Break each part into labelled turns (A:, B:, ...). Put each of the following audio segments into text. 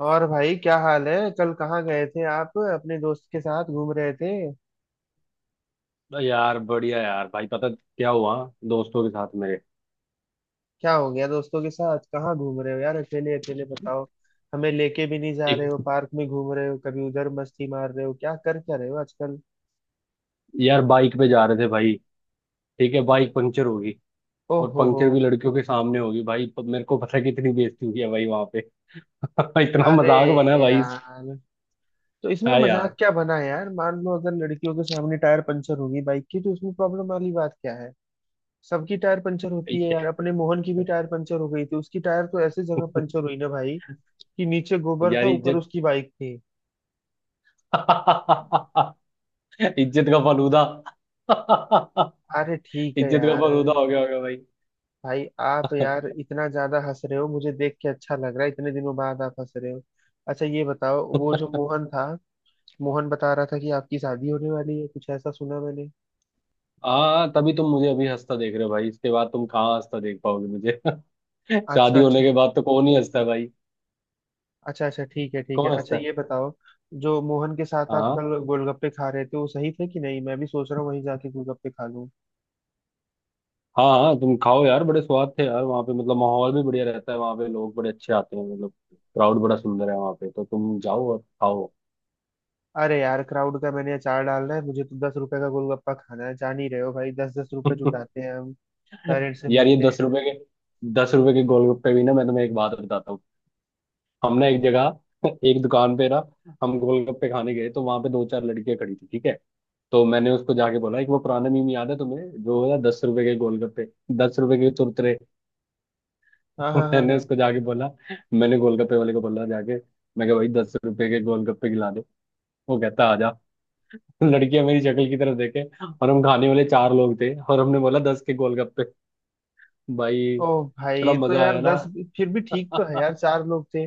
A: और भाई क्या हाल है। कल कहाँ गए थे आप? अपने दोस्त के साथ घूम रहे थे?
B: यार बढ़िया यार भाई। पता क्या हुआ दोस्तों के साथ मेरे।
A: क्या हो गया? दोस्तों के साथ कहाँ घूम रहे हो यार, अकेले अकेले बताओ। हमें लेके भी नहीं जा रहे हो।
B: एक
A: पार्क में घूम रहे हो, कभी उधर मस्ती मार रहे हो, क्या रहे हो आजकल?
B: यार बाइक पे जा रहे थे भाई। ठीक है
A: तो क्या।
B: बाइक पंचर होगी।
A: ओ
B: और
A: हो हो।
B: पंचर भी लड़कियों के सामने होगी भाई। मेरे को पता है कितनी बेइज्जती हुई है भाई वहां पे। इतना
A: अरे
B: मजाक बना है भाई।
A: यार, तो इसमें
B: हाँ
A: मजाक
B: यार।
A: क्या बना है यार? मान लो अगर लड़कियों के सामने टायर पंचर होगी बाइक की, तो उसमें प्रॉब्लम वाली बात क्या है? सबकी टायर पंचर होती है यार। अपने मोहन की भी टायर पंचर हो गई थी। उसकी टायर तो ऐसे जगह पंचर हुई ना भाई, कि नीचे गोबर
B: यार
A: था, ऊपर
B: इज्जत।
A: उसकी बाइक थी।
B: इज्जत का फलूदा।
A: अरे ठीक है
B: इज्जत का
A: यार।
B: फलूदा हो गया होगा भाई।
A: भाई आप यार इतना ज्यादा हंस रहे हो, मुझे देख के अच्छा लग रहा है, इतने दिनों बाद आप हंस रहे हो। अच्छा ये बताओ, वो जो मोहन था, मोहन बता रहा था कि आपकी शादी होने वाली है, कुछ ऐसा सुना मैंने।
B: हाँ तभी तुम मुझे अभी हंसता देख रहे हो भाई। इसके बाद तुम कहाँ हंसता देख पाओगे मुझे।
A: अच्छा
B: शादी होने
A: अच्छा।
B: के बाद तो कौन ही हंसता है भाई।
A: अच्छा अच्छा, ठीक है ठीक है।
B: कौन
A: अच्छा
B: हंसता
A: ये
B: है।
A: बताओ, जो मोहन के साथ आप
B: हाँ।
A: कल गोलगप्पे खा रहे थे वो सही थे कि नहीं? मैं भी सोच रहा हूँ वहीं जाके गोलगप्पे खा लूँ।
B: हाँ हाँ तुम खाओ यार। बड़े स्वाद थे यार वहाँ पे। मतलब माहौल भी बढ़िया रहता है वहाँ पे। लोग बड़े अच्छे आते हैं मतलब क्राउड बड़ा सुंदर है वहाँ पे। तो तुम जाओ और खाओ।
A: अरे यार क्राउड का मैंने अचार डालना है, मुझे तो 10 रुपए का गोलगप्पा खाना है। जान ही रहे हो भाई, 10-10 रुपए जुटाते हैं हम, पेरेंट्स से
B: यार ये
A: मिलते
B: दस
A: हैं।
B: रुपए के 10 रुपए के गोलगप्पे भी ना। मैं तुम्हें एक बात बताता हूँ। हमने एक जगह एक दुकान पे ना हम गोलगप्पे खाने गए। तो वहाँ पे दो चार लड़के खड़ी थी ठीक है। तो मैंने उसको जाके बोला। एक वो पुराना मीम याद है तुम्हें जो है 10 रुपए के गोलगप्पे 10 रुपए के चुरचुरे।
A: हाँ हाँ हाँ
B: मैंने
A: हाँ।
B: उसको जाके बोला मैंने गोलगप्पे वाले को बोला जाके। मैं कहा भाई 10 रुपए के गोलगप्पे खिला। वो कहता आजा। लड़कियां मेरी शक्ल की तरफ देखे। और हम खाने वाले चार लोग थे और हमने बोला दस के गोलगप्पे भाई।
A: ओ
B: इतना
A: भाई, तो
B: मजा
A: यार
B: आया ना।
A: फिर भी ठीक तो है यार, चार लोग थे।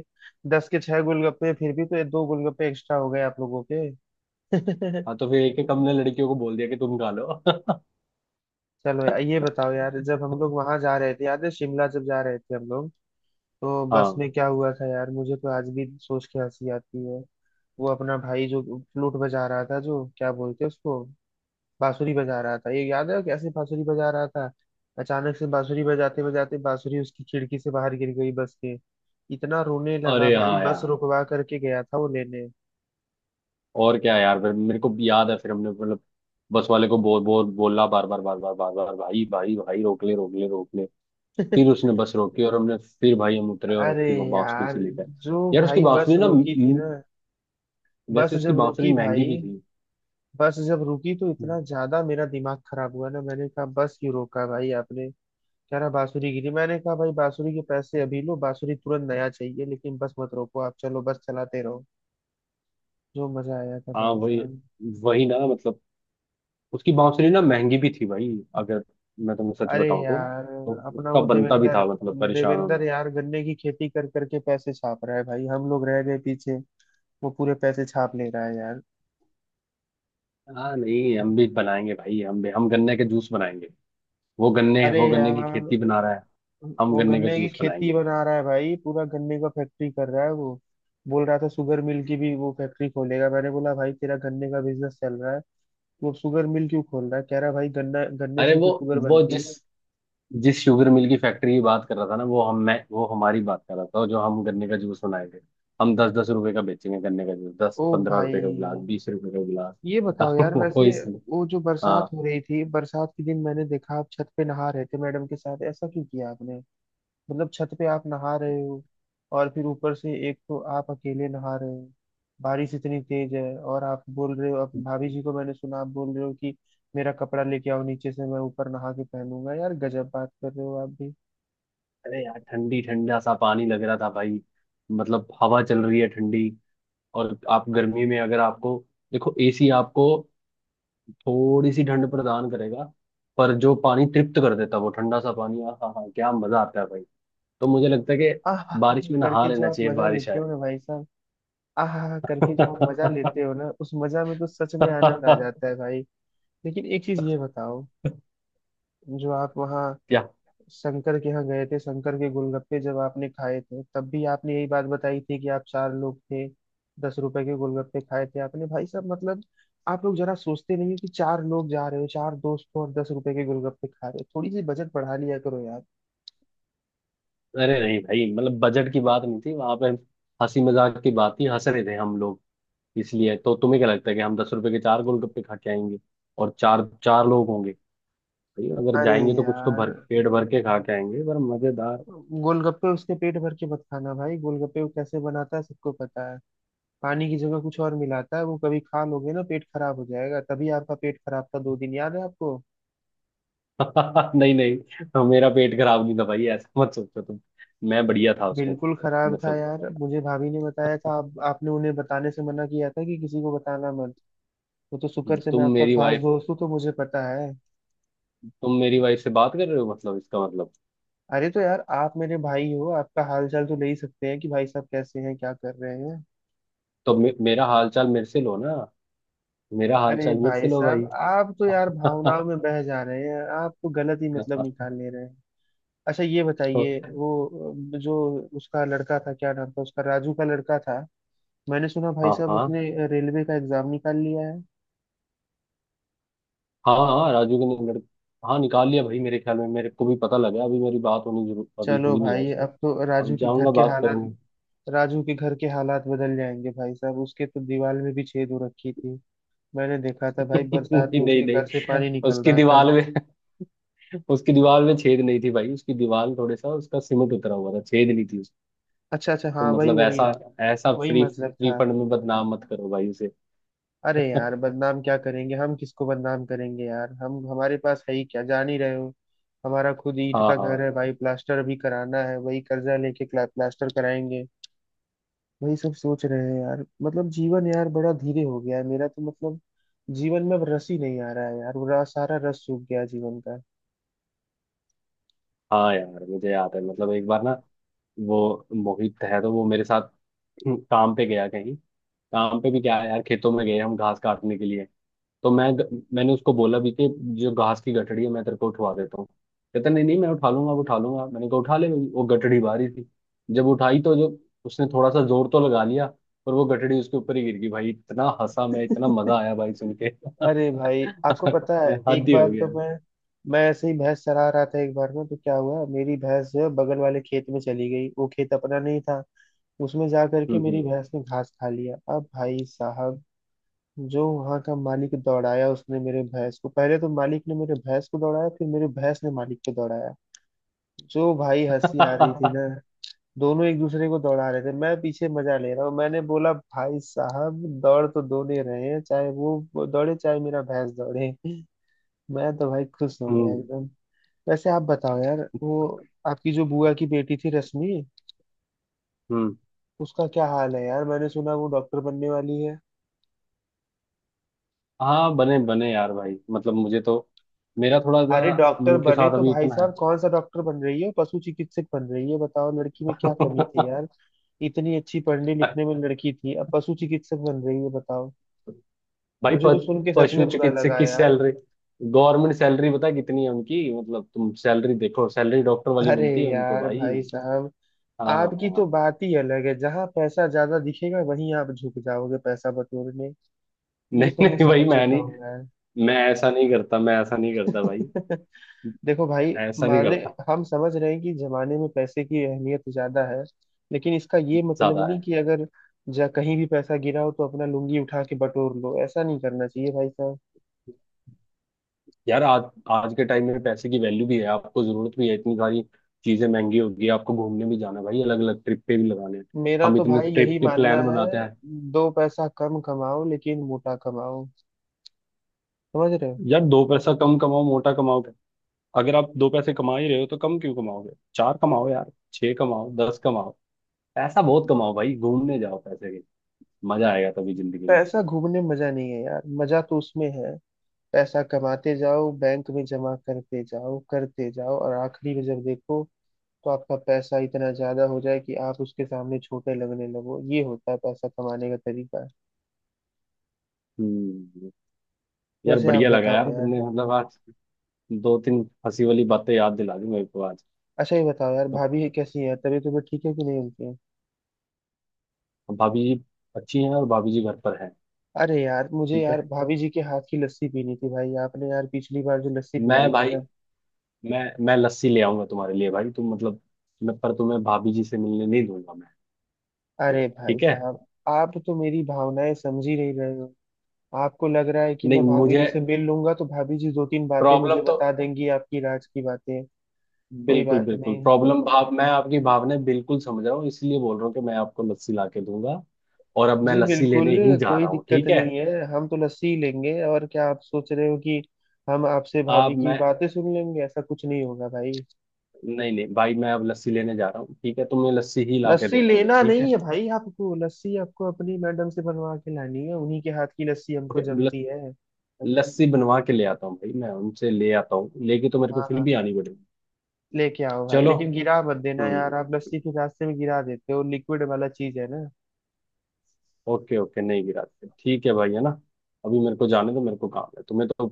A: 10 के 6 गोलगप्पे, फिर भी तो ये दो गोलगप्पे एक्स्ट्रा हो गए आप लोगों के।
B: हाँ तो फिर एक एक हमने लड़कियों को बोल दिया कि तुम खा लो।
A: चलो यार, ये बताओ यार, जब हम लोग वहां जा रहे थे, याद है शिमला जब जा रहे थे हम लोग, तो बस
B: हाँ।
A: में क्या हुआ था यार, मुझे तो आज भी सोच के हंसी आती है। वो अपना भाई जो फ्लूट बजा रहा था, जो क्या बोलते हैं उसको, बांसुरी बजा रहा था, ये याद है कैसे बांसुरी बजा रहा था। अचानक से बांसुरी बजाते बजाते बांसुरी उसकी खिड़की से बाहर गिर गई बस के। इतना रोने लगा
B: अरे
A: भाई,
B: हाँ
A: बस
B: यार।
A: रुकवा करके गया था वो लेने।
B: और क्या यार फिर मेरे को याद है फिर हमने मतलब बस वाले को बोल बोल बोला बार बार बार बार बार बार भाई भाई भाई रोक ले रोक ले रोक ले। फिर उसने बस रोकी और हमने फिर भाई हम उतरे और
A: अरे
B: उसकी वो बांसुरी
A: यार,
B: सी लेकर।
A: जो
B: यार उसकी
A: भाई बस
B: बांसुरी ना
A: रोकी थी ना, बस
B: वैसे उसकी
A: जब
B: बांसुरी
A: रुकी
B: महंगी
A: भाई,
B: भी
A: बस जब रुकी तो
B: थी।
A: इतना ज्यादा मेरा दिमाग खराब हुआ ना, मैंने कहा बस क्यों रोका भाई आपने? कह रहा बांसुरी गिरी। मैंने कहा भाई, बांसुरी के पैसे अभी लो, बांसुरी तुरंत नया चाहिए, लेकिन बस मत रोको आप, चलो बस चलाते रहो। जो मजा आया था
B: हाँ।
A: भाई
B: वही
A: साहब।
B: वही ना मतलब उसकी बांसुरी ना महंगी भी थी भाई। अगर मैं तुम्हें सच
A: अरे
B: बताऊं
A: यार,
B: तो
A: अपना
B: उसका
A: वो
B: बनता भी
A: देवेंद्र,
B: था मतलब परेशान
A: देवेंद्र
B: होना।
A: यार गन्ने की खेती कर करके पैसे छाप रहा है भाई, हम लोग रह गए पीछे। वो पूरे पैसे छाप ले रहा है यार।
B: हाँ नहीं हम भी बनाएंगे भाई हम गन्ने के जूस बनाएंगे।
A: अरे
B: वो गन्ने
A: यार,
B: की खेती बना रहा है। हम
A: वो
B: गन्ने का
A: गन्ने की
B: जूस
A: खेती
B: बनाएंगे।
A: बना रहा है भाई, पूरा गन्ने का फैक्ट्री कर रहा है वो। बोल रहा था शुगर मिल की भी वो फैक्ट्री खोलेगा। मैंने बोला भाई तेरा गन्ने का बिजनेस चल रहा है, वो शुगर मिल क्यों खोल रहा है? कह रहा है भाई, गन्ना, गन्ने
B: अरे
A: से ही तो
B: वो
A: शुगर
B: वो
A: बनती
B: जिस
A: है।
B: जिस शुगर मिल की फैक्ट्री की बात कर रहा था ना। वो हम मैं वो हमारी बात कर रहा था जो हम गन्ने का जूस बनाएंगे। हम 10 10 रुपए का बेचेंगे गन्ने का जूस। दस
A: ओ
B: पंद्रह
A: भाई,
B: रुपए का गिलास 20 रुपए का गिलास।
A: ये बताओ यार
B: वो
A: वैसे,
B: इसमें।
A: वो जो बरसात
B: हाँ।
A: हो रही थी, बरसात के दिन मैंने देखा आप छत पे नहा रहे थे मैडम के साथ। ऐसा क्यों किया आपने? मतलब छत पे आप नहा रहे हो, और फिर ऊपर से एक तो आप अकेले नहा रहे हो, बारिश इतनी तेज है, और आप बोल रहे हो, अब भाभी जी को मैंने सुना आप बोल रहे हो कि मेरा कपड़ा लेके आओ नीचे से, मैं ऊपर नहा के पहनूंगा। यार गजब बात कर रहे हो आप भी।
B: अरे यार ठंडी ठंडा सा पानी लग रहा था भाई। मतलब हवा चल रही है ठंडी। और आप गर्मी में अगर आपको देखो एसी आपको थोड़ी सी ठंड प्रदान करेगा। पर जो पानी तृप्त कर देता है, वो ठंडा सा पानी आहा हा क्या मजा आता है भाई। तो मुझे लगता है
A: आह
B: कि बारिश में नहा
A: करके जो
B: लेना
A: आप
B: चाहिए
A: मजा
B: बारिश
A: लेते
B: आए।
A: हो ना भाई साहब, आह करके जो आप मजा
B: क्या।
A: लेते हो ना, उस मजा में तो सच में आनंद आ जाता है भाई। लेकिन एक चीज ये बताओ, जो आप वहाँ शंकर के यहाँ गए थे, शंकर के गोलगप्पे जब आपने खाए थे, तब भी आपने यही बात बताई थी कि आप चार लोग थे, 10 रुपए के गोलगप्पे खाए थे आपने भाई साहब। मतलब आप लोग जरा सोचते नहीं हो कि चार लोग जा रहे हो, चार दोस्त हो, और 10 रुपए के गोलगप्पे खा रहे हो? थोड़ी सी बजट बढ़ा लिया करो यार।
B: अरे नहीं भाई मतलब बजट की बात नहीं थी वहां पे। हंसी मजाक की बात थी हंस रहे थे हम लोग। इसलिए तो तुम्हें क्या लगता है कि हम 10 रुपए के चार गोलगप्पे खा के आएंगे और चार चार लोग होंगे। भाई अगर
A: अरे
B: जाएंगे तो कुछ तो
A: यार,
B: भर पेट भर के खा के आएंगे पर मजेदार।
A: गोलगप्पे उसके पेट भर के मत खाना भाई। गोलगप्पे वो कैसे बनाता है सबको पता है, पानी की जगह कुछ और मिलाता है वो। कभी खा लोगे ना पेट खराब हो जाएगा। तभी आपका पेट खराब था 2 दिन, याद है आपको?
B: नहीं नहीं मेरा पेट खराब नहीं था भाई ऐसा मत सोचो तुम। मैं बढ़िया था उसमें।
A: बिल्कुल खराब था
B: मतलब
A: यार, मुझे भाभी ने बताया था, आप आपने उन्हें बताने से मना किया था कि किसी को बताना मत। वो तो शुक्र से मैं
B: तुम
A: आपका
B: मेरी
A: खास
B: वाइफ
A: दोस्त हूँ, तो मुझे पता है।
B: तुम मेरी वाइफ से बात कर रहे हो मतलब इसका मतलब।
A: अरे तो यार, आप मेरे भाई हो, आपका हाल चाल तो ले ही सकते हैं कि भाई साहब कैसे हैं, क्या कर रहे हैं।
B: तो मेरा हालचाल मेरे से लो ना। मेरा
A: अरे
B: हालचाल मेरे से
A: भाई
B: लो
A: साहब,
B: भाई।
A: आप तो यार भावनाओं में बह जा रहे हैं, आप तो गलत ही मतलब निकाल ले रहे हैं। अच्छा ये
B: तो,
A: बताइए वो, जो उसका लड़का था, क्या नाम था उसका, राजू का लड़का था, मैंने सुना भाई
B: हाँ
A: साहब
B: हाँ
A: उसने रेलवे का एग्जाम निकाल लिया है।
B: हाँ। हाँ राजू के नंबर। हाँ निकाल लिया भाई मेरे ख्याल में। मेरे को भी पता लगा अभी। मेरी बात होनी जरूर अभी
A: चलो
B: हुई नहीं है
A: भाई,
B: उससे।
A: अब तो
B: अब
A: राजू के घर
B: जाऊंगा
A: के
B: बात
A: हालात,
B: करूंगा।
A: राजू के घर के हालात बदल जाएंगे भाई साहब। उसके तो दीवार में भी छेद हो रखी थी, मैंने देखा था भाई बरसात
B: नहीं
A: में
B: नहीं
A: उसके घर से
B: नहीं
A: पानी निकल
B: उसकी
A: रहा था।
B: दीवार में उसकी दीवार में छेद नहीं थी भाई। उसकी दीवार थोड़े सा उसका सीमेंट उतरा हुआ था छेद नहीं थी उसकी।
A: अच्छा अच्छा,
B: तो
A: हाँ वही
B: मतलब
A: वही।
B: ऐसा ऐसा
A: वही
B: फ्री
A: मतलब
B: फ्री
A: था।
B: फंड में बदनाम मत करो भाई उसे।
A: अरे यार, बदनाम क्या करेंगे हम? किसको बदनाम करेंगे यार? हम, हमारे पास है ही क्या, जान ही रहे हो। हमारा खुद ईंट
B: हाँ
A: का घर
B: हाँ
A: है भाई, प्लास्टर अभी कराना है, वही कर्जा लेके प्लास्टर कराएंगे, वही सब सोच रहे हैं यार। मतलब जीवन यार बड़ा धीरे हो गया है मेरा, तो मतलब जीवन में अब रस ही नहीं आ रहा है यार, पूरा सारा रस सूख गया है जीवन का।
B: हाँ। यार मुझे याद है मतलब एक बार ना वो मोहित है तो वो मेरे साथ काम पे गया कहीं। काम पे भी क्या है यार खेतों में गए हम घास काटने के लिए। तो मैंने उसको बोला भी कि जो घास की गठड़ी है मैं तेरे को उठवा देता हूँ। कहता नहीं नहीं मैं उठा लूंगा उठा लूंगा। मैंने कहा उठा ले। वो गठड़ी भारी थी। जब उठाई तो जो उसने थोड़ा सा जोर तो लगा लिया पर वो गठड़ी उसके ऊपर ही गिर गई भाई। इतना हंसा मैं इतना मजा आया भाई सुन के।
A: अरे भाई, आपको पता है,
B: हद
A: एक
B: ही हो
A: बार तो
B: गया।
A: मैं ऐसे ही भैंस चरा रहा था एक बार में, तो क्या हुआ, मेरी भैंस जो है बगल वाले खेत में चली गई, वो खेत अपना नहीं था। उसमें जा करके
B: हम्म।
A: मेरी भैंस ने घास खा लिया। अब भाई साहब, जो वहां का मालिक दौड़ाया उसने मेरे भैंस को, पहले तो मालिक ने मेरे भैंस को दौड़ाया, फिर मेरे भैंस ने मालिक को दौड़ाया। जो भाई हंसी आ रही थी ना, दोनों एक दूसरे को दौड़ा रहे थे, मैं पीछे मजा ले रहा हूँ। मैंने बोला भाई साहब, दौड़ तो दोनों ही रहे हैं, चाहे वो दौड़े चाहे मेरा भैंस दौड़े। मैं तो भाई खुश हो गया
B: हम्म
A: एकदम। वैसे आप बताओ यार, वो आपकी जो बुआ की बेटी थी, रश्मि,
B: हम्म।
A: उसका क्या हाल है यार? मैंने सुना वो डॉक्टर बनने वाली है।
B: हाँ बने बने यार भाई मतलब मुझे तो मेरा थोड़ा सा
A: अरे डॉक्टर
B: उनके
A: बने
B: साथ
A: तो
B: अभी
A: भाई
B: उतना है।
A: साहब, कौन सा डॉक्टर बन रही है? पशु चिकित्सक बन रही है, बताओ। लड़की में क्या कमी थी यार, इतनी अच्छी पढ़ने लिखने में लड़की थी, अब पशु चिकित्सक बन रही है, बताओ।
B: भाई
A: मुझे तो सुन के सच
B: पशु
A: में बुरा
B: चिकित्सक
A: लगा
B: की
A: यार।
B: सैलरी गवर्नमेंट सैलरी पता है कितनी है उनकी। मतलब तुम सैलरी देखो सैलरी डॉक्टर वाली
A: अरे
B: मिलती है उनको
A: यार
B: भाई।
A: भाई साहब,
B: हाँ हाँ
A: आपकी तो
B: हाँ।
A: बात ही अलग है, जहां पैसा ज्यादा दिखेगा वहीं आप झुक जाओगे पैसा बटोरने। ये
B: नहीं
A: तो मैं
B: नहीं
A: समझ
B: भाई मैं
A: चुका हूँ
B: नहीं।
A: यार।
B: मैं ऐसा नहीं करता मैं ऐसा नहीं करता भाई।
A: देखो भाई,
B: ऐसा नहीं
A: माने
B: करता।
A: हम समझ रहे हैं कि जमाने में पैसे की अहमियत ज्यादा है, लेकिन इसका ये
B: ज्यादा
A: मतलब नहीं
B: है।
A: कि अगर जा कहीं भी पैसा गिरा हो तो अपना लुंगी उठा के बटोर लो। ऐसा नहीं करना चाहिए भाई साहब।
B: यार आज आज के टाइम में पैसे की वैल्यू भी है। आपको जरूरत भी है। इतनी सारी चीजें महंगी हो गई है, आपको घूमने भी जाना है भाई अलग अलग ट्रिप पे भी लगाने हैं।
A: मेरा
B: हम
A: तो
B: इतने
A: भाई
B: ट्रिप
A: यही
B: के
A: मानना
B: प्लान
A: है,
B: बनाते हैं।
A: दो पैसा कम कमाओ लेकिन मोटा कमाओ, समझ रहे हो?
B: यार दो पैसा कम कमाओ मोटा कमाओ। अगर आप दो पैसे कमा ही रहे हो तो कम क्यों कमाओगे? चार कमाओ यार छह कमाओ दस कमाओ। पैसा बहुत कमाओ भाई। घूमने जाओ पैसे के। मजा आएगा तभी जिंदगी में।
A: पैसा घूमने में मजा नहीं है यार, मजा तो उसमें है, पैसा कमाते जाओ, बैंक में जमा करते जाओ, करते जाओ, और आखिरी में जब देखो, तो आपका पैसा इतना ज्यादा हो जाए कि आप उसके सामने छोटे लगने लगो। ये होता है पैसा कमाने का तरीका।
B: हम्म। यार
A: वैसे आप
B: बढ़िया लगा
A: बताओ
B: यार
A: यार,
B: तुमने मतलब आज दो तीन हंसी वाली बातें याद दिला दी मेरे को आज।
A: अच्छा ये बताओ यार,
B: तो
A: भाभी है कैसी है? तबीयत उबीयत ठीक है कि नहीं उनकी?
B: भाभी जी अच्छी हैं और भाभी जी घर पर हैं।
A: अरे यार, मुझे
B: ठीक
A: यार
B: है
A: भाभी जी के हाथ की लस्सी पीनी थी भाई। आपने यार पिछली बार जो लस्सी
B: मैं
A: पिलाई थी
B: भाई
A: ना।
B: मैं मैं लस्सी ले आऊंगा तुम्हारे लिए भाई तुम मतलब। मैं पर तुम्हें भाभी जी से मिलने नहीं दूंगा मैं।
A: अरे भाई
B: ठीक है
A: साहब, आप तो मेरी भावनाएं समझ ही नहीं रहे हो। आपको लग रहा है कि
B: नहीं
A: मैं भाभी
B: मुझे
A: जी से मिल लूंगा तो भाभी जी दो तीन बातें मुझे
B: प्रॉब्लम तो
A: बता देंगी आपकी राज की बातें। कोई
B: बिल्कुल
A: बात
B: बिल्कुल
A: नहीं।
B: प्रॉब्लम भाव मैं आपकी भावनाएं बिल्कुल समझ रहा हूँ इसलिए बोल रहा हूँ कि मैं आपको लस्सी ला के दूंगा। और अब मैं
A: जी
B: लस्सी
A: बिल्कुल।
B: लेने ही जा
A: कोई
B: रहा हूँ
A: दिक्कत
B: ठीक है।
A: नहीं है, हम तो लस्सी ही लेंगे, और क्या आप सोच रहे हो कि हम आपसे भाभी
B: आप
A: की
B: मैं
A: बातें सुन लेंगे? ऐसा कुछ नहीं होगा भाई।
B: नहीं नहीं भाई मैं अब लस्सी लेने जा रहा हूँ ठीक है। तुम्हें लस्सी ही ला के
A: लस्सी
B: देता हूँ मैं
A: लेना
B: ठीक
A: नहीं
B: है।
A: है भाई आपको लस्सी, आपको अपनी मैडम से बनवा के लानी है, उन्हीं के हाथ की लस्सी हमको
B: ओके
A: जमती है।
B: लस्सी बनवा के ले आता हूँ भाई। मैं उनसे ले आता हूँ लेके तो मेरे को
A: हाँ
B: फिर
A: हाँ।
B: भी आनी पड़ेगी।
A: लेके आओ भाई,
B: चलो
A: लेकिन गिरा मत देना यार,
B: हम्म
A: आप लस्सी के रास्ते में गिरा देते हो, लिक्विड वाला चीज है ना।
B: ओके ओके नहीं गिराते ठीक है भाई है ना। अभी मेरे को जाने दो मेरे को काम है।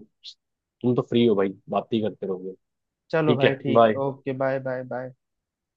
B: तुम तो फ्री हो भाई बात ही करते रहोगे।
A: चलो
B: ठीक
A: भाई
B: है
A: ठीक है,
B: bye.
A: Okay, bye bye bye.